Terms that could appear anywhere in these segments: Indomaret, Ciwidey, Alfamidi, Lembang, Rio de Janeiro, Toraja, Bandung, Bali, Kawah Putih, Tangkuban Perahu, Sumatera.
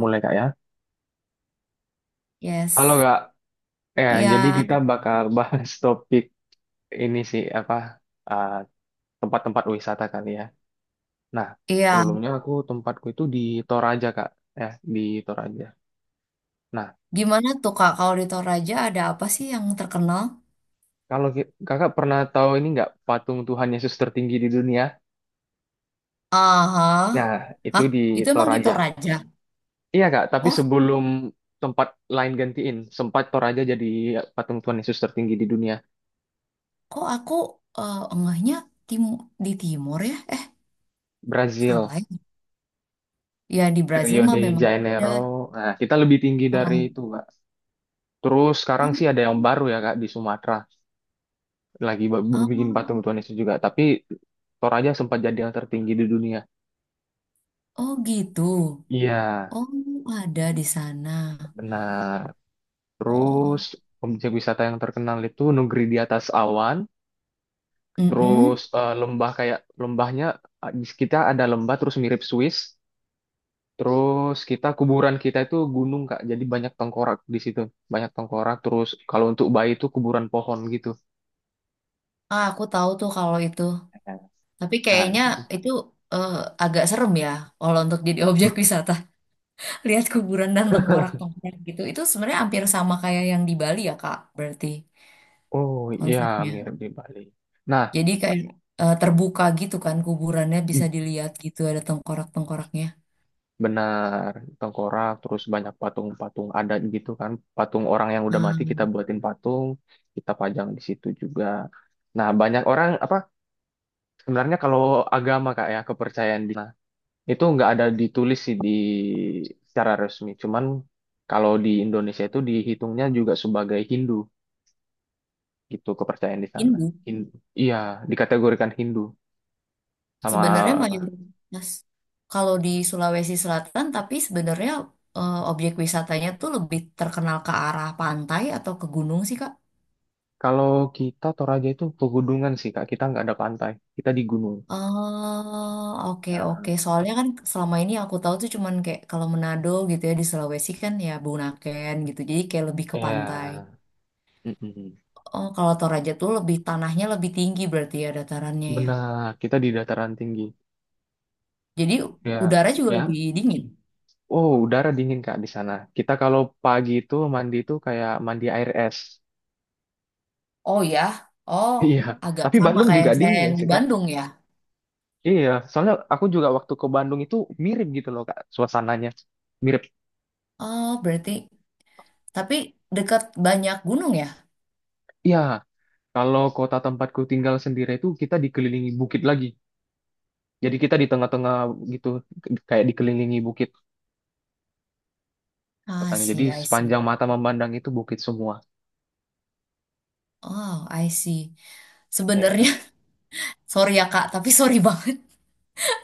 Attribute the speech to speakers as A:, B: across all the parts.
A: Mulai kak ya. Halo
B: Yes.
A: Kak, ya
B: Iya,
A: jadi kita bakal bahas topik ini sih apa uh, tempat-tempat wisata kali ya. Nah
B: iya.
A: sebelumnya aku tempatku itu di Toraja Kak, ya di Toraja. Nah
B: gimana tuh Kak, kalau di Toraja ada apa sih yang terkenal?
A: Kakak pernah tahu ini nggak patung Tuhan Yesus tertinggi di dunia?
B: Aha.
A: Nah itu
B: Hah?
A: di
B: Itu emang di
A: Toraja.
B: Toraja?
A: Iya Kak, tapi
B: Oh,
A: sebelum tempat lain gantiin, sempat Toraja jadi patung Tuhan Yesus tertinggi di dunia.
B: kok aku enggaknya tim di timur ya? Eh, salah
A: Brazil,
B: ya. Ya, di Brazil
A: Rio
B: mah
A: de
B: memang ada.
A: Janeiro. Nah kita lebih tinggi dari
B: Malang.
A: itu. Terus sekarang
B: Oh,
A: sih ada yang baru ya Kak di Sumatera lagi ba- bikin patung
B: ah.
A: Tuhan Yesus juga. Tapi Toraja sempat jadi yang tertinggi di dunia.
B: Oh gitu.
A: Iya,
B: Oh, ada di sana.
A: benar. Terus
B: Oh.
A: objek wisata yang terkenal itu negeri di atas awan. Terus
B: Mm-mm.
A: lembah kayak di kita ada lembah terus mirip Swiss. Terus kita kuburan kita itu gunung Kak. Jadi banyak tengkorak di situ, banyak tengkorak. Terus kalau untuk bayi itu kuburan pohon gitu.
B: Ah, aku tahu tuh kalau itu. Tapi
A: Nah,
B: kayaknya itu eh, agak serem ya kalau untuk jadi objek wisata. Lihat kuburan dan tengkorak-tengkorak gitu. Itu sebenarnya hampir sama kayak yang di Bali ya, Kak, berarti
A: oh iya,
B: konsepnya.
A: mirip di Bali. Nah,
B: Jadi kayak terbuka gitu kan kuburannya bisa
A: i-
B: dilihat gitu ada tengkorak-tengkoraknya.
A: benar tengkorak terus banyak patung-patung adat gitu kan. Patung orang yang udah mati
B: Nah,
A: kita buatin patung, kita pajang di situ juga. Nah, banyak orang apa sebenarnya kalau agama Kak ya, kepercayaan di nah, itu nggak ada ditulis sih di secara resmi. Cuman kalau di Indonesia itu dihitungnya juga sebagai Hindu gitu kepercayaan di sana.
B: Hindu
A: Hin- iya, dikategorikan Hindu
B: sebenarnya
A: sama.
B: mayoritas kalau di Sulawesi Selatan tapi sebenarnya objek wisatanya tuh lebih terkenal ke arah pantai atau ke gunung sih, Kak?
A: Kalau kita Toraja itu pegunungan sih Kak, kita nggak ada pantai, kita di gunung.
B: Oh, oke
A: Nah,
B: oke. soalnya kan selama ini yang aku tahu tuh cuman kayak kalau Manado gitu ya di Sulawesi kan ya Bunaken gitu. Jadi kayak lebih ke pantai.
A: ya, mm-mm.
B: Oh, kalau Toraja tuh lebih tanahnya lebih tinggi berarti ya datarannya ya.
A: Benar, kita di dataran tinggi.
B: Jadi
A: Ya,
B: udara juga
A: ya.
B: lebih dingin.
A: Oh, udara dingin Kak di sana. Kita kalau pagi itu mandi itu kayak mandi air es.
B: Oh ya. Oh,
A: Iya,
B: agak
A: tapi
B: sama
A: Bandung
B: kayak
A: juga
B: saya
A: dingin kan
B: yang di
A: sih Kak?
B: Bandung ya.
A: Iya, soalnya aku juga waktu ke Bandung itu mirip gitu loh Kak, suasananya. Mirip.
B: Oh, berarti tapi dekat banyak gunung ya.
A: Iya, kalau kota tempatku tinggal sendiri itu kita dikelilingi bukit lagi. Jadi kita di tengah-tengah gitu, kayak dikelilingi bukit
B: Ah, I
A: kotanya. Jadi
B: see, I see.
A: sepanjang mata memandang itu bukit semua.
B: Oh, I see. Sebenarnya
A: Iya.
B: sorry ya Kak, tapi sorry banget.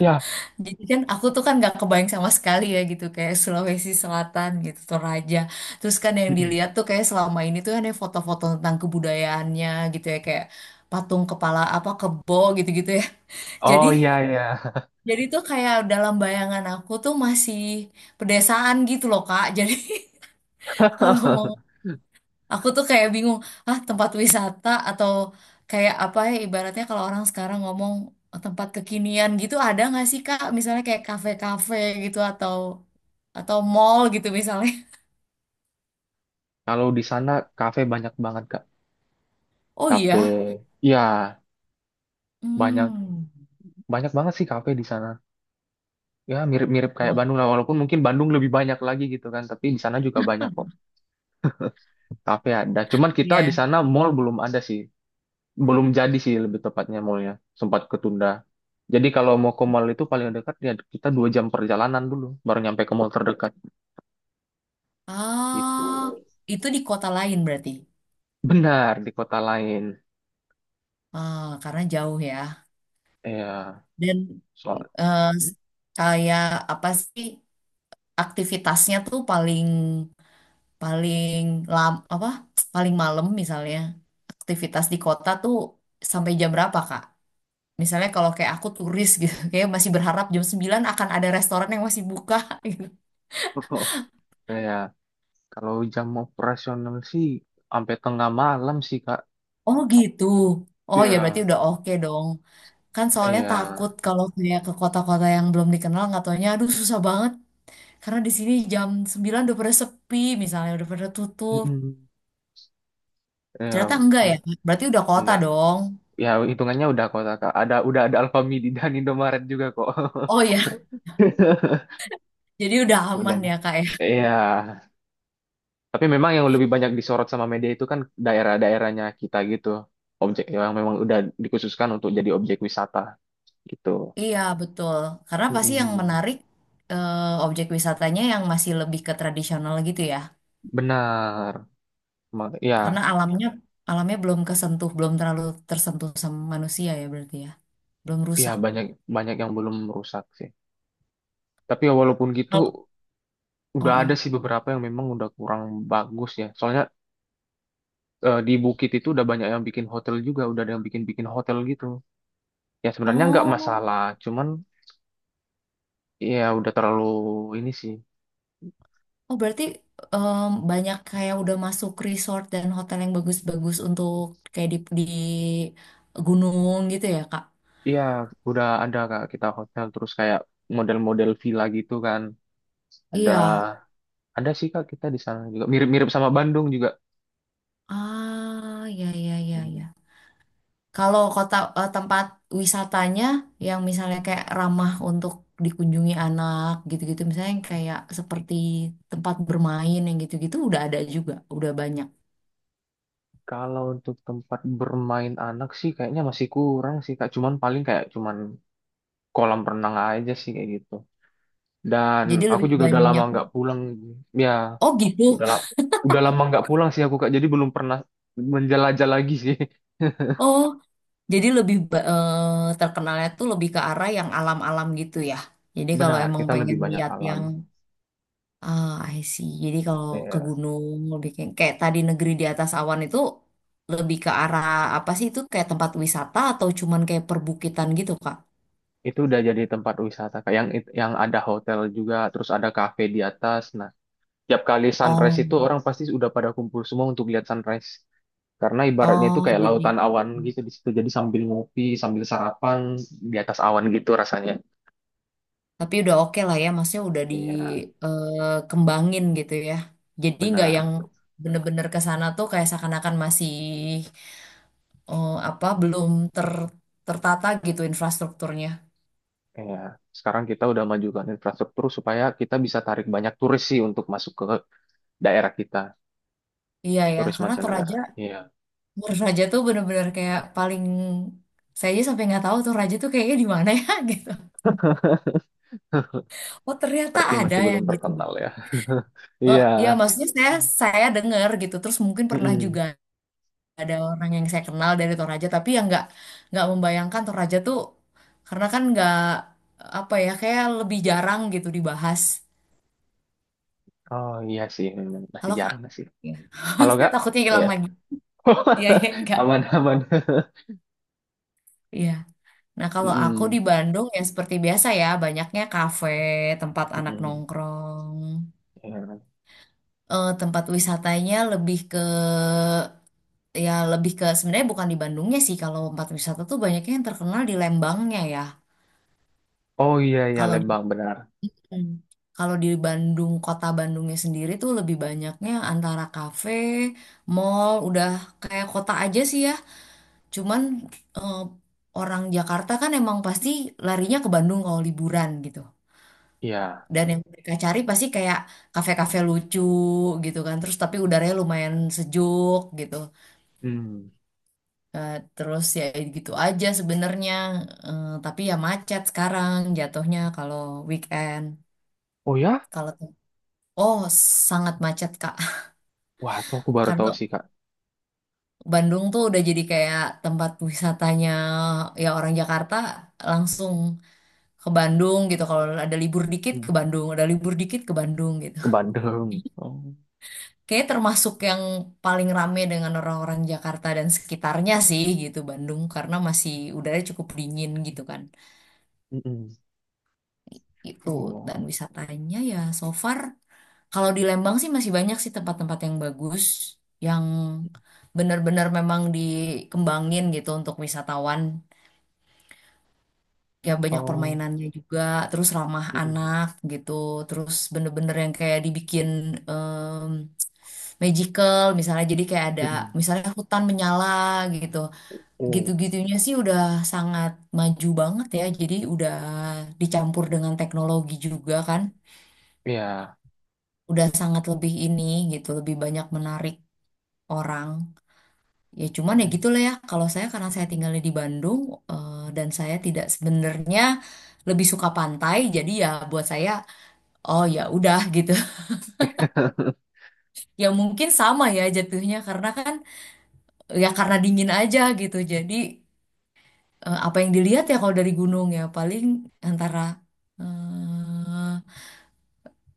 A: Ya.
B: Jadi kan aku tuh kan nggak kebayang sama sekali ya gitu kayak Sulawesi Selatan gitu Toraja. Terus kan yang
A: Mm-mm.
B: dilihat tuh kayak selama ini tuh ada foto-foto tentang kebudayaannya gitu ya kayak patung kepala apa kebo gitu-gitu ya.
A: Oh
B: Jadi
A: iya iya.
B: jadi tuh kayak dalam bayangan aku tuh masih pedesaan gitu loh Kak. Jadi kalau mau aku tuh kayak bingung, ah tempat wisata atau kayak apa ya ibaratnya kalau orang sekarang ngomong tempat kekinian gitu ada nggak sih Kak? Misalnya kayak kafe-kafe gitu atau mall gitu misalnya.
A: Kalau di sana kafe banyak banget Kak.
B: Oh
A: Kafe.
B: iya.
A: Ya, banyak
B: Hmm.
A: banyak banget sih kafe di sana. Ya, mirip-mirip kayak
B: Oh,
A: Bandung lah walaupun mungkin Bandung lebih banyak lagi gitu kan, tapi di sana juga banyak kok kafe ada. Cuman kita di
B: iya.
A: sana mall belum ada sih. Belum jadi sih lebih tepatnya mallnya. Sempat ketunda. Jadi kalau mau ke mall itu paling dekat ya kita dua jam perjalanan dulu baru nyampe ke mall terdekat gitu.
B: Ah, itu di kota lain berarti.
A: Benar, di kota lain.
B: Ah, karena jauh ya.
A: Ya,
B: Dan
A: soal
B: eh, kayak apa sih aktivitasnya tuh paling paling lam apa paling malam misalnya aktivitas di kota tuh sampai jam berapa Kak? Misalnya kalau kayak aku turis gitu, kayak masih berharap jam 9 akan ada restoran yang masih buka gitu.
A: ya kalau jam operasional sih sampai tengah malam sih, Kak.
B: Oh gitu. Oh ya berarti
A: Ya,
B: udah oke dong. Kan soalnya takut
A: ya.
B: kalau kayak ke kota-kota yang belum dikenal nggak taunya aduh susah banget karena di sini jam 9 udah pada sepi misalnya udah pada tutup.
A: Mm-mm. Ya,
B: Ternyata enggak
A: ada.
B: ya. Berarti udah kota
A: Nah,
B: dong.
A: ya hitungannya udah kota, Kak. Ada udah ada Alfamidi dan Indomaret juga kok.
B: Oh ya, jadi udah
A: Udah.
B: aman
A: Nah.
B: ya Kak ya?
A: Iya, tapi memang yang lebih banyak disorot sama media itu kan daerah-daerahnya kita gitu. Objek yang memang udah dikhususkan untuk jadi objek wisata gitu.
B: Iya, betul. Karena pasti yang
A: Mm-mm.
B: menarik eh, objek wisatanya yang masih lebih ke tradisional gitu ya.
A: Benar.
B: Karena
A: Ya,
B: alamnya alamnya belum kesentuh, belum terlalu tersentuh sama manusia ya berarti ya. Belum
A: ya
B: rusak.
A: banyak banyak yang belum rusak sih. Tapi ya walaupun gitu,
B: Kalau- Oh,
A: udah ada
B: oh.
A: sih beberapa yang memang udah kurang bagus ya. Soalnya di Bukit itu udah banyak yang bikin hotel juga, udah ada yang bikin-bikin hotel gitu. Ya sebenarnya nggak
B: Oh,
A: masalah, cuman ya udah terlalu ini sih.
B: oh, berarti em, banyak kayak udah masuk resort dan hotel yang bagus-bagus untuk kayak di gunung gitu ya, Kak?
A: Iya, udah ada kak kita hotel terus kayak model-model villa gitu kan. Ada
B: Iya.
A: ada sih kak kita di sana juga mirip-mirip sama Bandung juga.
B: Ah, ya ya ya
A: Hmm.
B: ya. Kalau kota tempat wisatanya yang misalnya kayak ramah untuk dikunjungi anak gitu-gitu, misalnya yang kayak seperti tempat bermain yang gitu-gitu udah ada juga, udah banyak.
A: Kalau untuk tempat bermain anak sih kayaknya masih kurang sih Kak. Cuman paling kayak cuman kolam renang aja sih kayak gitu. Dan
B: Jadi
A: aku
B: lebih
A: juga udah lama
B: banyak.
A: nggak pulang. Ya,
B: Oh gitu.
A: udah lama nggak pulang sih aku Kak. Jadi belum pernah menjelajah lagi sih.
B: Oh, jadi lebih ba- terkenalnya tuh lebih ke arah yang alam-alam gitu ya. Jadi kalau
A: Benar,
B: emang
A: kita lebih
B: pengen
A: banyak
B: lihat
A: alam.
B: yang ah, I see. Jadi kalau ke
A: Ya,
B: gunung lebih kayak, kayak tadi negeri di atas awan itu lebih ke arah apa sih itu kayak tempat wisata atau cuman kayak perbukitan gitu, Kak?
A: itu udah jadi tempat wisata Kak. Yang ada hotel juga, terus ada kafe di atas. Nah, tiap kali sunrise
B: Oh,
A: itu orang pasti udah pada kumpul semua untuk lihat sunrise. Karena ibaratnya itu
B: oh
A: kayak
B: jadi
A: lautan awan gitu di situ. Jadi sambil ngopi, sambil sarapan di atas awan gitu rasanya.
B: tapi udah oke lah ya, maksudnya udah
A: Iya,
B: dikembangin gitu ya. Jadi nggak
A: benar.
B: yang bener-bener ke sana tuh kayak seakan-akan masih apa belum ter tertata gitu infrastrukturnya.
A: Iya. Sekarang kita udah majukan infrastruktur supaya kita bisa tarik banyak turis sih untuk masuk ke daerah kita,
B: Iya ya,
A: turis
B: karena
A: mancanegara.
B: Toraja
A: Iya,
B: menurut Raja tuh bener-bener kayak paling saya aja sampai nggak tahu tuh Raja tuh kayaknya di mana ya gitu. Oh ternyata
A: berarti
B: ada
A: masih belum
B: yang gitu.
A: terkenal ya.
B: Oh
A: Iya.
B: ya maksudnya saya dengar gitu. Terus mungkin pernah
A: Mm-mm.
B: juga ada orang yang saya kenal dari Toraja tapi yang nggak membayangkan Toraja tuh karena kan nggak apa ya kayak lebih jarang gitu dibahas.
A: Oh iya sih, memang masih
B: Halo Kak.
A: jarang sih.
B: Ya.
A: Halo
B: Saya
A: gak?
B: takutnya hilang
A: Iya.
B: lagi. Iya iya enggak.
A: Aman, aman.
B: Iya. Nah, kalau aku di
A: Mm-mm.
B: Bandung ya seperti biasa ya, banyaknya kafe, tempat anak
A: Mm-mm.
B: nongkrong.
A: Iya.
B: Eh, tempat wisatanya lebih ke ya lebih ke sebenarnya bukan di Bandungnya sih kalau tempat wisata tuh banyaknya yang terkenal di Lembangnya ya.
A: Oh iya, iya
B: Kalau di
A: Lembang benar.
B: hmm, kalau di Bandung kota Bandungnya sendiri tuh lebih banyaknya antara kafe, mall, udah kayak kota aja sih ya. Cuman eh, orang Jakarta kan emang pasti larinya ke Bandung kalau liburan gitu.
A: Iya.
B: Dan yang mereka cari pasti kayak kafe-kafe lucu gitu kan. Terus tapi udaranya lumayan sejuk gitu.
A: Hmm.
B: Eh, terus ya gitu aja sebenarnya. Eh, tapi ya macet sekarang jatuhnya kalau weekend
A: Oh ya?
B: kalau oh sangat macet Kak
A: Wah, tuh aku baru tahu
B: karena
A: sih, Kak.
B: Bandung tuh udah jadi kayak tempat wisatanya ya orang Jakarta langsung ke Bandung gitu kalau ada libur dikit
A: Mm.
B: ke Bandung ada libur dikit ke Bandung gitu
A: Ke Bandung. Oh.
B: kayak termasuk yang paling rame dengan orang-orang Jakarta dan sekitarnya sih gitu Bandung karena masih udaranya cukup dingin gitu kan
A: Mm-mm.
B: itu
A: Oh.
B: dan wisatanya ya so far kalau di Lembang sih masih banyak sih tempat-tempat yang bagus yang benar-benar memang dikembangin gitu untuk wisatawan ya banyak
A: Oh.
B: permainannya juga terus ramah
A: Mm-mm.
B: anak gitu terus bener-bener yang kayak dibikin em, magical misalnya jadi kayak ada
A: Mm-mm.
B: misalnya hutan menyala gitu
A: Oh.
B: gitu-gitunya sih udah sangat maju banget ya jadi udah dicampur dengan teknologi juga kan
A: Iya.
B: udah sangat lebih ini gitu, lebih banyak menarik orang. Ya cuman ya
A: Mm.
B: gitu lah ya, kalau saya karena saya tinggalnya di Bandung dan saya tidak sebenarnya lebih suka pantai, jadi ya buat saya oh ya udah gitu. Ya mungkin sama ya jatuhnya karena kan ya karena dingin aja gitu. Jadi apa yang dilihat ya kalau dari gunung ya paling antara eh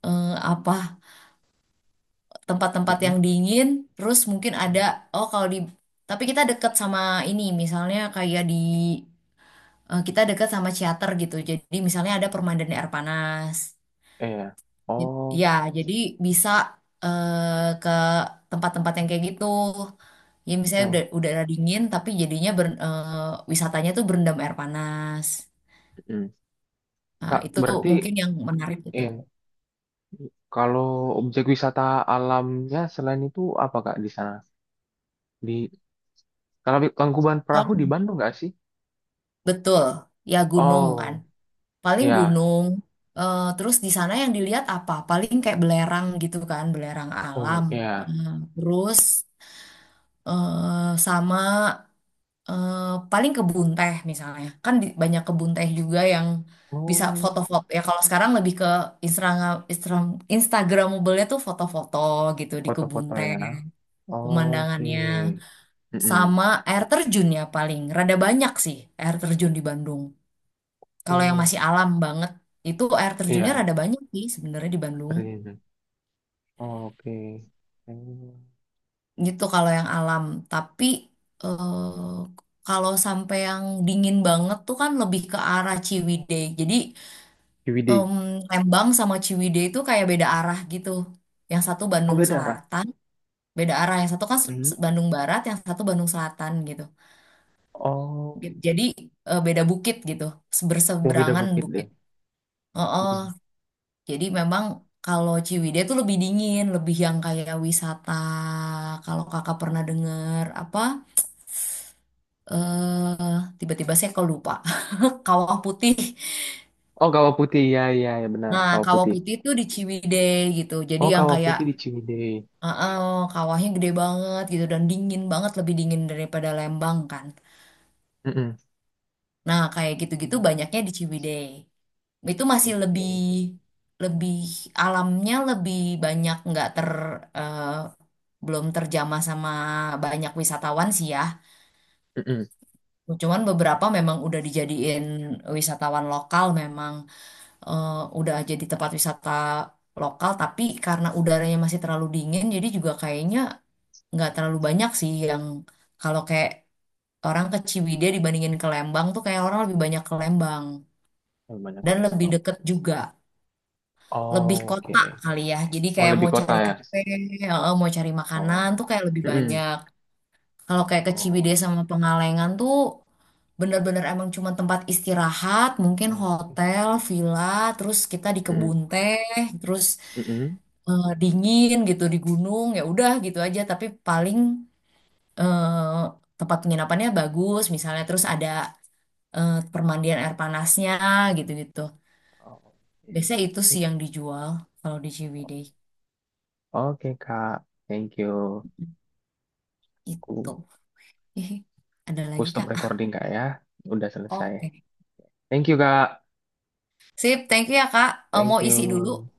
B: apa tempat-tempat yang
A: Mm-mm.
B: dingin, terus mungkin
A: Mm-mm.
B: ada
A: Mm.
B: oh kalau di tapi kita deket sama ini misalnya kayak di kita deket sama ciater gitu. Jadi misalnya ada permandan air panas.
A: Iya.
B: Jadi-
A: Oh.
B: ya, jadi bisa ke tempat-tempat yang kayak gitu. Ya misalnya udah
A: Oh.
B: udara dingin tapi jadinya ber- wisatanya tuh berendam air panas.
A: Mm.
B: Nah,
A: Kak,
B: itu
A: berarti
B: mungkin yang menarik gitu.
A: eh kalau objek wisata alamnya selain itu apa, Kak, di sana? Di kalau Tangkuban Perahu
B: Kalau
A: di Bandung nggak sih?
B: betul, ya gunung kan.
A: Oh,
B: Paling
A: ya.
B: gunung. Eh, terus di sana yang dilihat apa paling kayak belerang gitu kan belerang
A: Oh,
B: alam.
A: ya.
B: Eh, terus sama eh, paling kebun teh misalnya kan di- banyak kebun teh juga yang bisa
A: Oh.
B: foto-foto ya kalau sekarang lebih ke Instagram Instagram Instagramable-nya tuh foto-foto gitu di kebun
A: Foto-foto
B: teh
A: ya. Oke.
B: pemandangannya
A: Mm-mm.
B: sama air terjun ya paling rada banyak sih air terjun di Bandung. Kalau yang
A: Oh,
B: masih alam banget itu air terjunnya
A: iya,
B: rada banyak sih sebenarnya di Bandung.
A: keren. Oke. Hmm.
B: Gitu kalau yang alam, tapi kalau sampai yang dingin banget tuh kan lebih ke arah Ciwidey. Jadi
A: Ciwidey.
B: em, Lembang sama Ciwidey itu kayak beda arah gitu. Yang satu
A: Oh,
B: Bandung
A: beda arah.
B: Selatan, beda arah. Yang satu kan
A: Mm.
B: s- Bandung Barat, yang satu Bandung Selatan gitu.
A: Oh,
B: Jadi beda bukit gitu,
A: oh, beda
B: berseberangan
A: bukit
B: bukit.
A: deh.
B: Heeh.
A: Mm-mm.
B: Jadi memang kalau Ciwidey itu lebih dingin, lebih yang kayak wisata. Kalau kakak pernah denger apa? Eh, tiba-tiba saya kok lupa. Kawah Putih.
A: Oh, Kawah Putih. Ya, ya, ya benar.
B: Nah,
A: Kawah
B: Kawah
A: Putih.
B: Putih itu di Ciwidey gitu. Jadi
A: Oh,
B: yang
A: Kawah
B: kayak
A: Putih di Ciwidey.
B: eh, eh, kawahnya gede banget gitu dan dingin banget, lebih dingin daripada Lembang kan.
A: Mm-mm.
B: Nah, kayak gitu-gitu
A: Oh,
B: banyaknya di Ciwidey. Itu
A: I
B: masih
A: see, I
B: lebih
A: see.
B: lebih alamnya lebih banyak nggak ter eh, belum terjamah sama banyak wisatawan sih ya.
A: Mm-mm.
B: Cuman beberapa memang udah dijadiin wisatawan lokal memang eh, udah jadi tempat wisata lokal tapi karena udaranya masih terlalu dingin jadi juga kayaknya nggak terlalu banyak sih yang kalau kayak orang ke Ciwidey dibandingin ke Lembang tuh kayak orang lebih banyak ke Lembang
A: Oh, banyak ke
B: dan lebih
A: Lembang.
B: deket juga. Lebih
A: Oh, oke.
B: kota kali ya, jadi
A: Oh,
B: kayak
A: lebih
B: mau
A: kota
B: cari
A: ya.
B: kafe, mau cari makanan
A: Oh.
B: tuh kayak lebih
A: Mm-mm.
B: banyak. Kalau kayak ke Ciwidey
A: Oh,
B: sama Pengalengan tuh bener-bener emang cuma tempat istirahat, mungkin
A: oh.
B: hotel, villa, terus kita di kebun
A: Mm-mm.
B: teh, terus
A: Mm-mm.
B: dingin gitu di gunung, ya udah gitu aja. Tapi paling eh, tempat penginapannya bagus, misalnya terus ada permandian air panasnya gitu-gitu.
A: Oh,
B: Biasanya
A: oke.
B: itu sih yang dijual kalau di Ciwidey.
A: Oke Kak, thank you.
B: Itu.
A: Aku,
B: Ada
A: aku
B: lagi
A: stop
B: Kak?
A: recording Kak ya. Udah selesai.
B: Oke.
A: Thank you Kak.
B: Sip, thank you ya Kak. Eh, mau
A: Thank
B: isi dulu.
A: you.